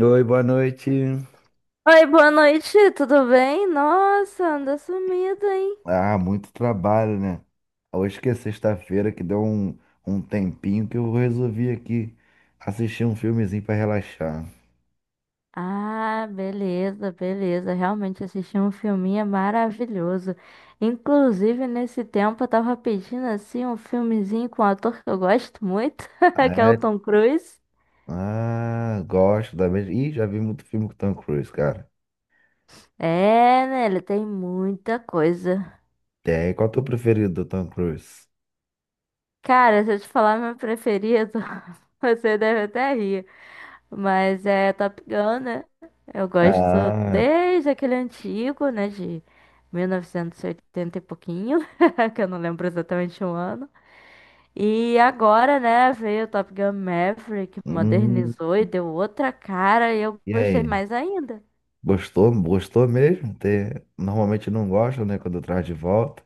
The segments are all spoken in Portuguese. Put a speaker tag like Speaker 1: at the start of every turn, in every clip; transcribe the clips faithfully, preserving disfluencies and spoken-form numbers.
Speaker 1: Oi, boa noite.
Speaker 2: Oi, boa noite, tudo bem? Nossa, anda sumida, hein?
Speaker 1: Ah, muito trabalho, né? Hoje que é sexta-feira, que deu um, um tempinho que eu resolvi aqui assistir um filmezinho pra relaxar.
Speaker 2: Ah, beleza, beleza. Realmente assisti um filminho maravilhoso. Inclusive, nesse tempo eu tava pedindo assim um filmezinho com um ator que eu gosto muito,
Speaker 1: Ah,
Speaker 2: que é o
Speaker 1: é?
Speaker 2: Tom Cruise.
Speaker 1: Ah, gosto da mesma. Ih, já vi muito filme com o Tom Cruise, cara.
Speaker 2: É, né? Ele tem muita coisa.
Speaker 1: Tem. Qual é o teu preferido do Tom Cruise?
Speaker 2: Cara, se eu te falar meu preferido, você deve até rir. Mas é Top Gun, né? Eu gosto
Speaker 1: Ah,
Speaker 2: desde aquele antigo, né? De mil novecentos e oitenta e oitenta e pouquinho, que eu não lembro exatamente o ano. E agora, né, veio o Top Gun Maverick,
Speaker 1: hum,
Speaker 2: modernizou e deu outra cara e eu
Speaker 1: e
Speaker 2: gostei
Speaker 1: aí?
Speaker 2: mais ainda.
Speaker 1: Gostou? Gostou mesmo? Tem- Normalmente não gosto, né? Quando traz de volta.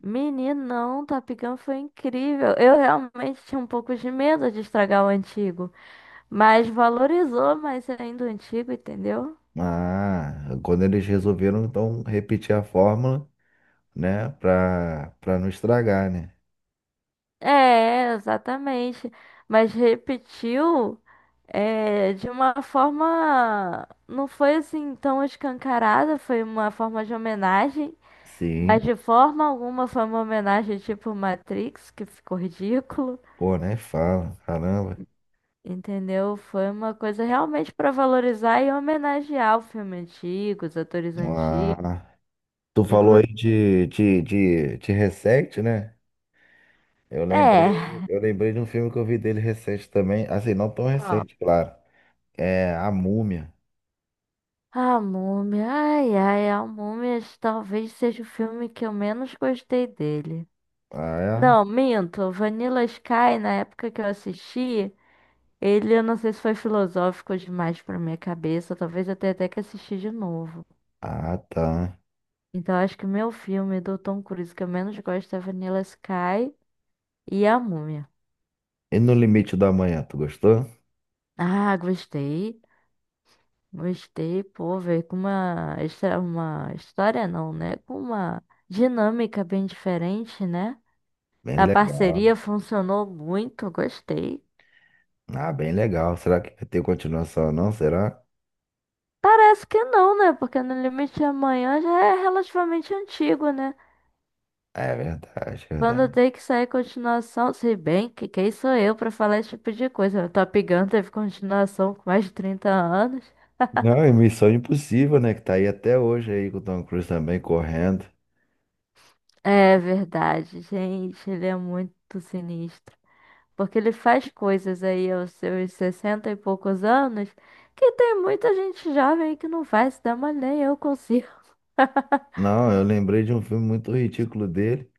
Speaker 2: Meninão, Top Gun foi incrível. Eu realmente tinha um pouco de medo de estragar o antigo, mas valorizou mais ainda o antigo, entendeu?
Speaker 1: Ah, quando eles resolveram então repetir a fórmula, né? Pra, pra não estragar, né?
Speaker 2: É, exatamente. Mas repetiu é, de uma forma. Não foi assim tão escancarada, foi uma forma de homenagem. Mas
Speaker 1: Sim,
Speaker 2: de forma alguma foi uma homenagem tipo Matrix, que ficou ridículo.
Speaker 1: pô, né? Fala, caramba.
Speaker 2: Entendeu? Foi uma coisa realmente para valorizar e homenagear o filme antigo, os atores antigos.
Speaker 1: Ah, tu falou aí
Speaker 2: Inclusive.
Speaker 1: de, de, de, de recente, né? Eu lembrei,
Speaker 2: É.
Speaker 1: eu lembrei de um filme que eu vi dele recente também. Assim, não tão
Speaker 2: Qual?
Speaker 1: recente, claro. É A Múmia.
Speaker 2: A Múmia. Ai, ai, a Múmia talvez seja o filme que eu menos gostei dele.
Speaker 1: Ah, é?
Speaker 2: Não, minto. Vanilla Sky, na época que eu assisti, ele, eu não sei se foi filosófico demais pra minha cabeça. Talvez eu tenha até que assistir de novo.
Speaker 1: Ah, tá.
Speaker 2: Então, acho que o meu filme do Tom Cruise que eu menos gosto é Vanilla Sky e A Múmia.
Speaker 1: E No Limite da Manhã, tu gostou?
Speaker 2: Ah, gostei. Gostei, pô, veio com uma, histó- uma história, não, né? Com uma dinâmica bem diferente, né?
Speaker 1: Bem
Speaker 2: A
Speaker 1: legal.
Speaker 2: parceria funcionou muito, gostei.
Speaker 1: Ah, bem legal. Será que vai ter continuação, não? Será?
Speaker 2: Parece que não, né? Porque No Limite de Amanhã já é relativamente antigo, né?
Speaker 1: É verdade, é
Speaker 2: Quando
Speaker 1: verdade.
Speaker 2: tem que sair continuação, se bem que quem sou eu pra falar esse tipo de coisa? Top Gun teve continuação com mais de trinta anos.
Speaker 1: Não, e Missão Impossível, né? Que tá aí até hoje aí com o Tom Cruise também correndo.
Speaker 2: É verdade, gente, ele é muito sinistro. Porque ele faz coisas aí aos seus sessenta e poucos anos que tem muita gente jovem que não faz, dá, mas nem eu consigo.
Speaker 1: Não, eu lembrei de um filme muito ridículo dele,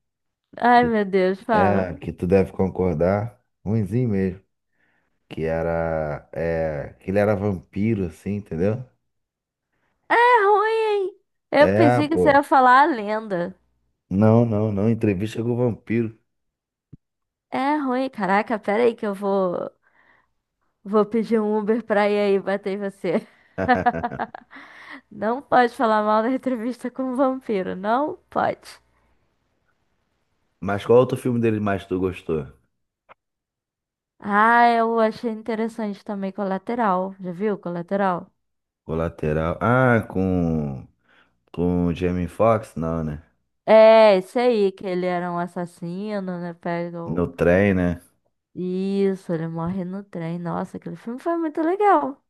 Speaker 2: Ai,
Speaker 1: que
Speaker 2: meu Deus, fala.
Speaker 1: é, que tu deve concordar, ruinzinho mesmo, que era, é, que ele era vampiro, assim, entendeu?
Speaker 2: É ruim, hein? Eu
Speaker 1: É,
Speaker 2: pensei que você
Speaker 1: pô.
Speaker 2: ia falar a lenda.
Speaker 1: Não, não, não, entrevista com o vampiro.
Speaker 2: É ruim. Caraca, pera aí que eu vou, vou pedir um Uber pra ir aí bater em você. Não pode falar mal da entrevista com um vampiro, não pode.
Speaker 1: Mas qual outro filme dele mais tu gostou?
Speaker 2: Ah, eu achei interessante também Colateral. Já viu Colateral?
Speaker 1: Colateral. Ah, com, com o Jamie Foxx? Não, né?
Speaker 2: É, esse aí, que ele era um assassino, né? Pega
Speaker 1: No
Speaker 2: o...
Speaker 1: trem, né?
Speaker 2: Isso, ele morre no trem. Nossa, aquele filme foi muito legal.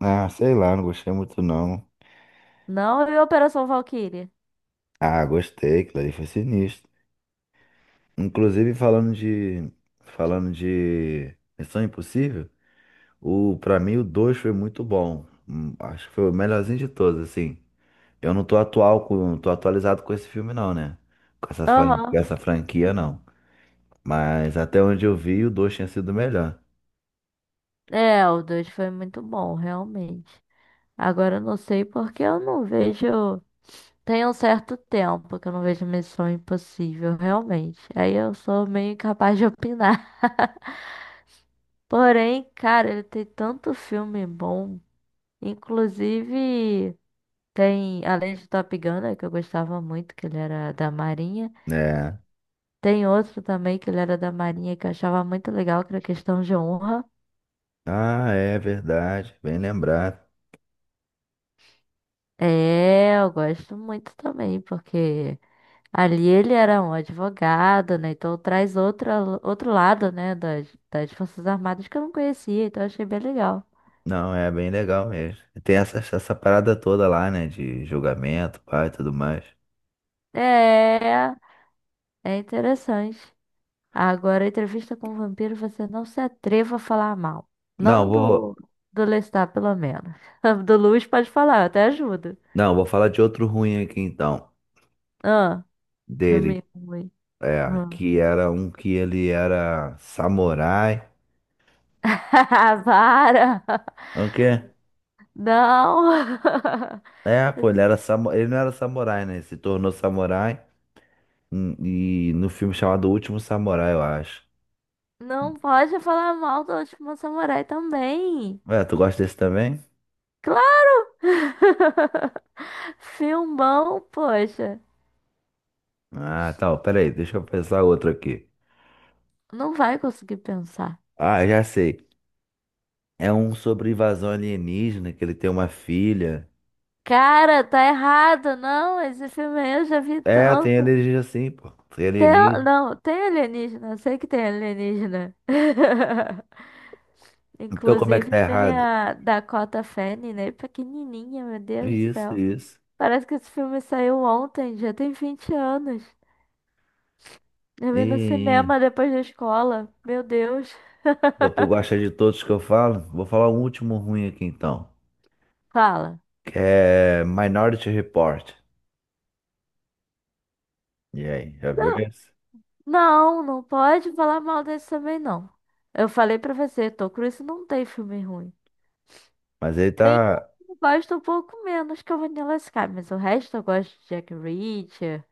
Speaker 1: Ah, sei lá, não gostei muito não.
Speaker 2: Não viu Operação Valkyrie?
Speaker 1: Ah, gostei, aquilo ali foi sinistro. Inclusive, falando de. Falando de Missão Impossível, o, pra mim o dois foi muito bom. Hum, Acho que foi o melhorzinho de todos, assim. Eu não tô atual com, não tô atualizado com esse filme, não, né? Com essa, fran- com
Speaker 2: Aham.
Speaker 1: essa franquia, não. Mas até onde eu vi, o dois tinha sido melhor.
Speaker 2: É, o dois foi muito bom, realmente. Agora eu não sei porque eu não vejo. Tem um certo tempo que eu não vejo Missão Impossível, realmente. Aí eu sou meio incapaz de opinar. Porém, cara, ele tem tanto filme bom. Inclusive, tem, além de Top Gun, né, que eu gostava muito, que ele era da Marinha.
Speaker 1: É.
Speaker 2: Tem outro também que ele era da Marinha que eu achava muito legal, que era Questão de Honra.
Speaker 1: Ah, é verdade. Bem lembrado.
Speaker 2: É, eu gosto muito também, porque ali ele era um advogado, né? Então traz outra, outro lado, né? Das, das Forças Armadas que eu não conhecia, então achei bem legal.
Speaker 1: Não, é bem legal mesmo. Tem essa, essa parada toda lá, né? De julgamento, pai e tudo mais.
Speaker 2: É, é interessante. Agora, entrevista com o vampiro, você não se atreva a falar mal.
Speaker 1: Não,
Speaker 2: Não
Speaker 1: vou.
Speaker 2: do, do Lestat, pelo menos. Do Luiz pode falar, eu até ajudo.
Speaker 1: Não, vou falar de outro ruim aqui então,
Speaker 2: Ah, filme
Speaker 1: dele,
Speaker 2: ruim.
Speaker 1: é,
Speaker 2: Hum.
Speaker 1: que era um que ele era samurai.
Speaker 2: Para!
Speaker 1: É o quê?
Speaker 2: Não!
Speaker 1: É, pô, ele era samu... ele não era samurai, né? Ele se tornou samurai, hum, e no filme chamado O Último Samurai, eu acho.
Speaker 2: Não pode falar mal do Último Samurai também.
Speaker 1: É, tu gosta desse também?
Speaker 2: Filmão, poxa.
Speaker 1: Ah, tá, peraí, deixa eu pensar outro aqui.
Speaker 2: Não vai conseguir pensar.
Speaker 1: Ah, já sei. É um sobre invasão alienígena, que ele tem uma filha.
Speaker 2: Cara, tá errado. Não, esse filme aí eu já vi
Speaker 1: É, tem
Speaker 2: tanto.
Speaker 1: alienígena sim, pô. Tem
Speaker 2: Tem,
Speaker 1: alienígena.
Speaker 2: não, tem alienígena. Eu sei que tem alienígena.
Speaker 1: Então como é que
Speaker 2: Inclusive
Speaker 1: tá
Speaker 2: tem
Speaker 1: errado?
Speaker 2: a Dakota Fanning, né? Pequenininha, meu Deus do
Speaker 1: Isso,
Speaker 2: céu.
Speaker 1: isso.
Speaker 2: Parece que esse filme saiu ontem, já tem vinte anos. Eu vi no
Speaker 1: Ih.
Speaker 2: cinema depois da escola. Meu Deus.
Speaker 1: Pô, tu gosta de todos que eu falo? Vou falar um último ruim aqui então.
Speaker 2: Fala.
Speaker 1: Que é Minority Report. E aí, já viu esse?
Speaker 2: Não, não pode falar mal desse também, não. Eu falei pra você, Tom Cruise não tem filme ruim.
Speaker 1: Mas ele
Speaker 2: Tem um
Speaker 1: tá.
Speaker 2: que eu gosto um pouco menos que é o Vanilla Sky, mas o resto eu gosto de Jack Reacher,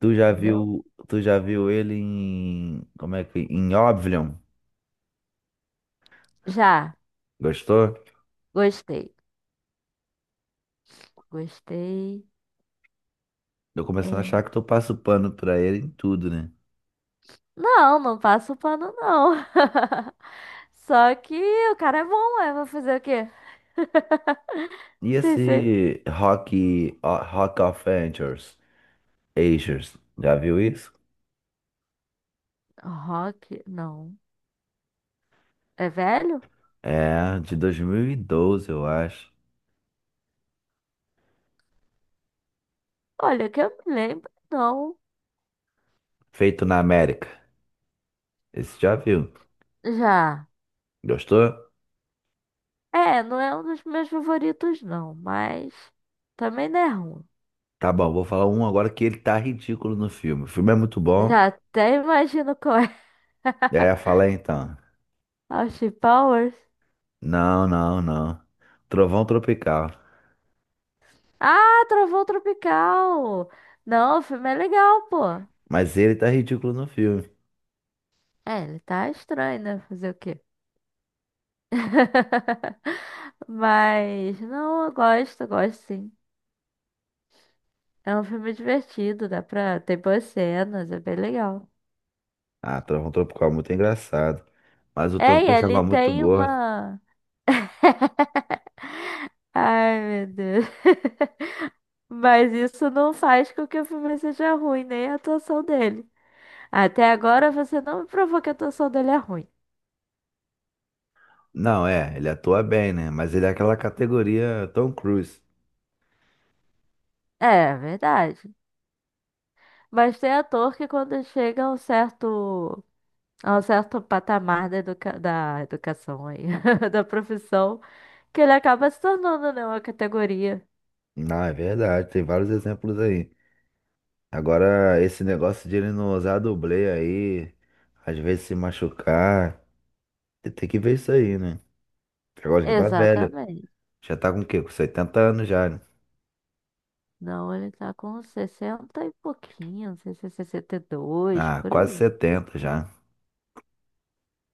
Speaker 1: Tu já
Speaker 2: entendeu?
Speaker 1: viu. Tu já viu ele em. Como é que. Em Oblivion?
Speaker 2: Já,
Speaker 1: Gostou?
Speaker 2: gostei. Gostei.
Speaker 1: Tô começando a
Speaker 2: É,
Speaker 1: achar que tu passa o pano pra ele em tudo, né?
Speaker 2: não, não passo o pano, não. Só que o cara é bom, eu vou fazer o quê?
Speaker 1: E
Speaker 2: Tem cer-
Speaker 1: esse Rock, o- Rock of Ages? Ages, já viu isso?
Speaker 2: Rock, não. É velho?
Speaker 1: É, de dois mil e doze, eu acho.
Speaker 2: Olha, que eu me lembro, não.
Speaker 1: Feito na América. Esse já viu?
Speaker 2: Já.
Speaker 1: Gostou?
Speaker 2: É, não é um dos meus favoritos, não, mas também não é ruim.
Speaker 1: Tá bom, vou falar um agora que ele tá ridículo no filme. O filme é muito bom.
Speaker 2: Já até imagino qual é.
Speaker 1: É, fala aí então.
Speaker 2: Austin Powers.
Speaker 1: Não, não, não. Trovão Tropical.
Speaker 2: Ah, Trovão Tropical! Não, o filme é legal, pô.
Speaker 1: Mas ele tá ridículo no filme.
Speaker 2: É, ele tá estranho, né? Fazer o quê? Mas, não, eu gosto, eu gosto sim. É um filme divertido, dá pra. Tem boas cenas, é bem legal.
Speaker 1: Ah, Trovão Tropical é muito engraçado. Mas o Tom
Speaker 2: É, e
Speaker 1: Cruise
Speaker 2: ele
Speaker 1: tava muito
Speaker 2: tem
Speaker 1: gordo.
Speaker 2: uma. Ai, meu Deus. Mas isso não faz com que o filme seja ruim, nem a atuação dele. Até agora você não me provou que a atuação dele é ruim.
Speaker 1: Não, é, ele atua bem, né? Mas ele é aquela categoria Tom Cruise.
Speaker 2: É, verdade. Mas tem ator que quando chega a um certo, a um certo patamar da, educa- da educação aí, da profissão, que ele acaba se tornando, né, uma categoria.
Speaker 1: Não, é verdade, tem vários exemplos aí. Agora, esse negócio de ele não usar dublê aí, às vezes se machucar, tem tem que ver isso aí, né? Agora já tá velho.
Speaker 2: Exatamente.
Speaker 1: Já tá com o quê? Com setenta anos já, né?
Speaker 2: Não, ele tá com sessenta e pouquinho, não sei se é sessenta e dois,
Speaker 1: Ah,
Speaker 2: por
Speaker 1: quase
Speaker 2: aí.
Speaker 1: setenta já.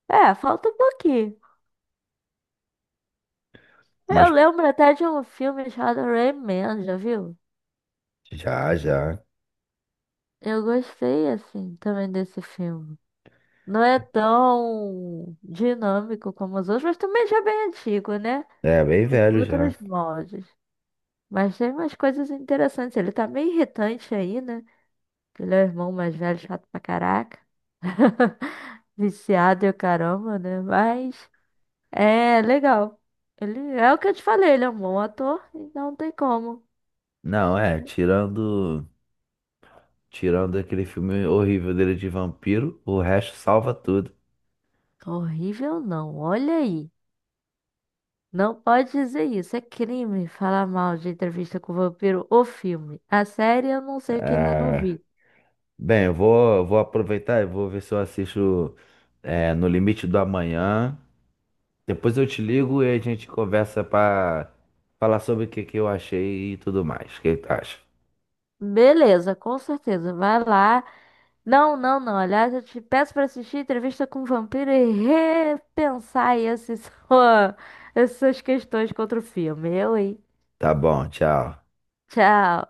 Speaker 2: É, falta um pouquinho. Eu
Speaker 1: Mas
Speaker 2: lembro até de um filme chamado Rain Man, já viu?
Speaker 1: já, já.
Speaker 2: Eu gostei, assim, também desse filme. Não é tão dinâmico como os outros, mas também já é bem antigo, né?
Speaker 1: É, bem
Speaker 2: E tem
Speaker 1: velho já.
Speaker 2: outros moldes. Mas tem umas coisas interessantes. Ele tá meio irritante aí, né? Que ele é o irmão mais velho, chato pra caraca. Viciado e o caramba, né? Mas é legal. Ele é o que eu te falei, ele é um bom ator, então não tem como.
Speaker 1: Não, é, tirando tirando aquele filme horrível dele de vampiro, o resto salva tudo.
Speaker 2: Horrível não, olha aí. Não pode dizer isso. É crime falar mal de Entrevista com o Vampiro, o filme. A série eu não sei que ainda não
Speaker 1: Ah,
Speaker 2: vi.
Speaker 1: bem, eu vou, vou aproveitar e vou ver se eu assisto é, No Limite do Amanhã. Depois eu te ligo e a gente conversa pra falar sobre o que que eu achei e tudo mais. O que que tu acha?
Speaker 2: Beleza, com certeza. Vai lá. Não, não, não. Aliás, eu te peço para assistir Entrevista com o Vampiro e repensar aí esses, essas questões contra o filme. Eu, hein?
Speaker 1: Tá bom, tchau.
Speaker 2: Tchau.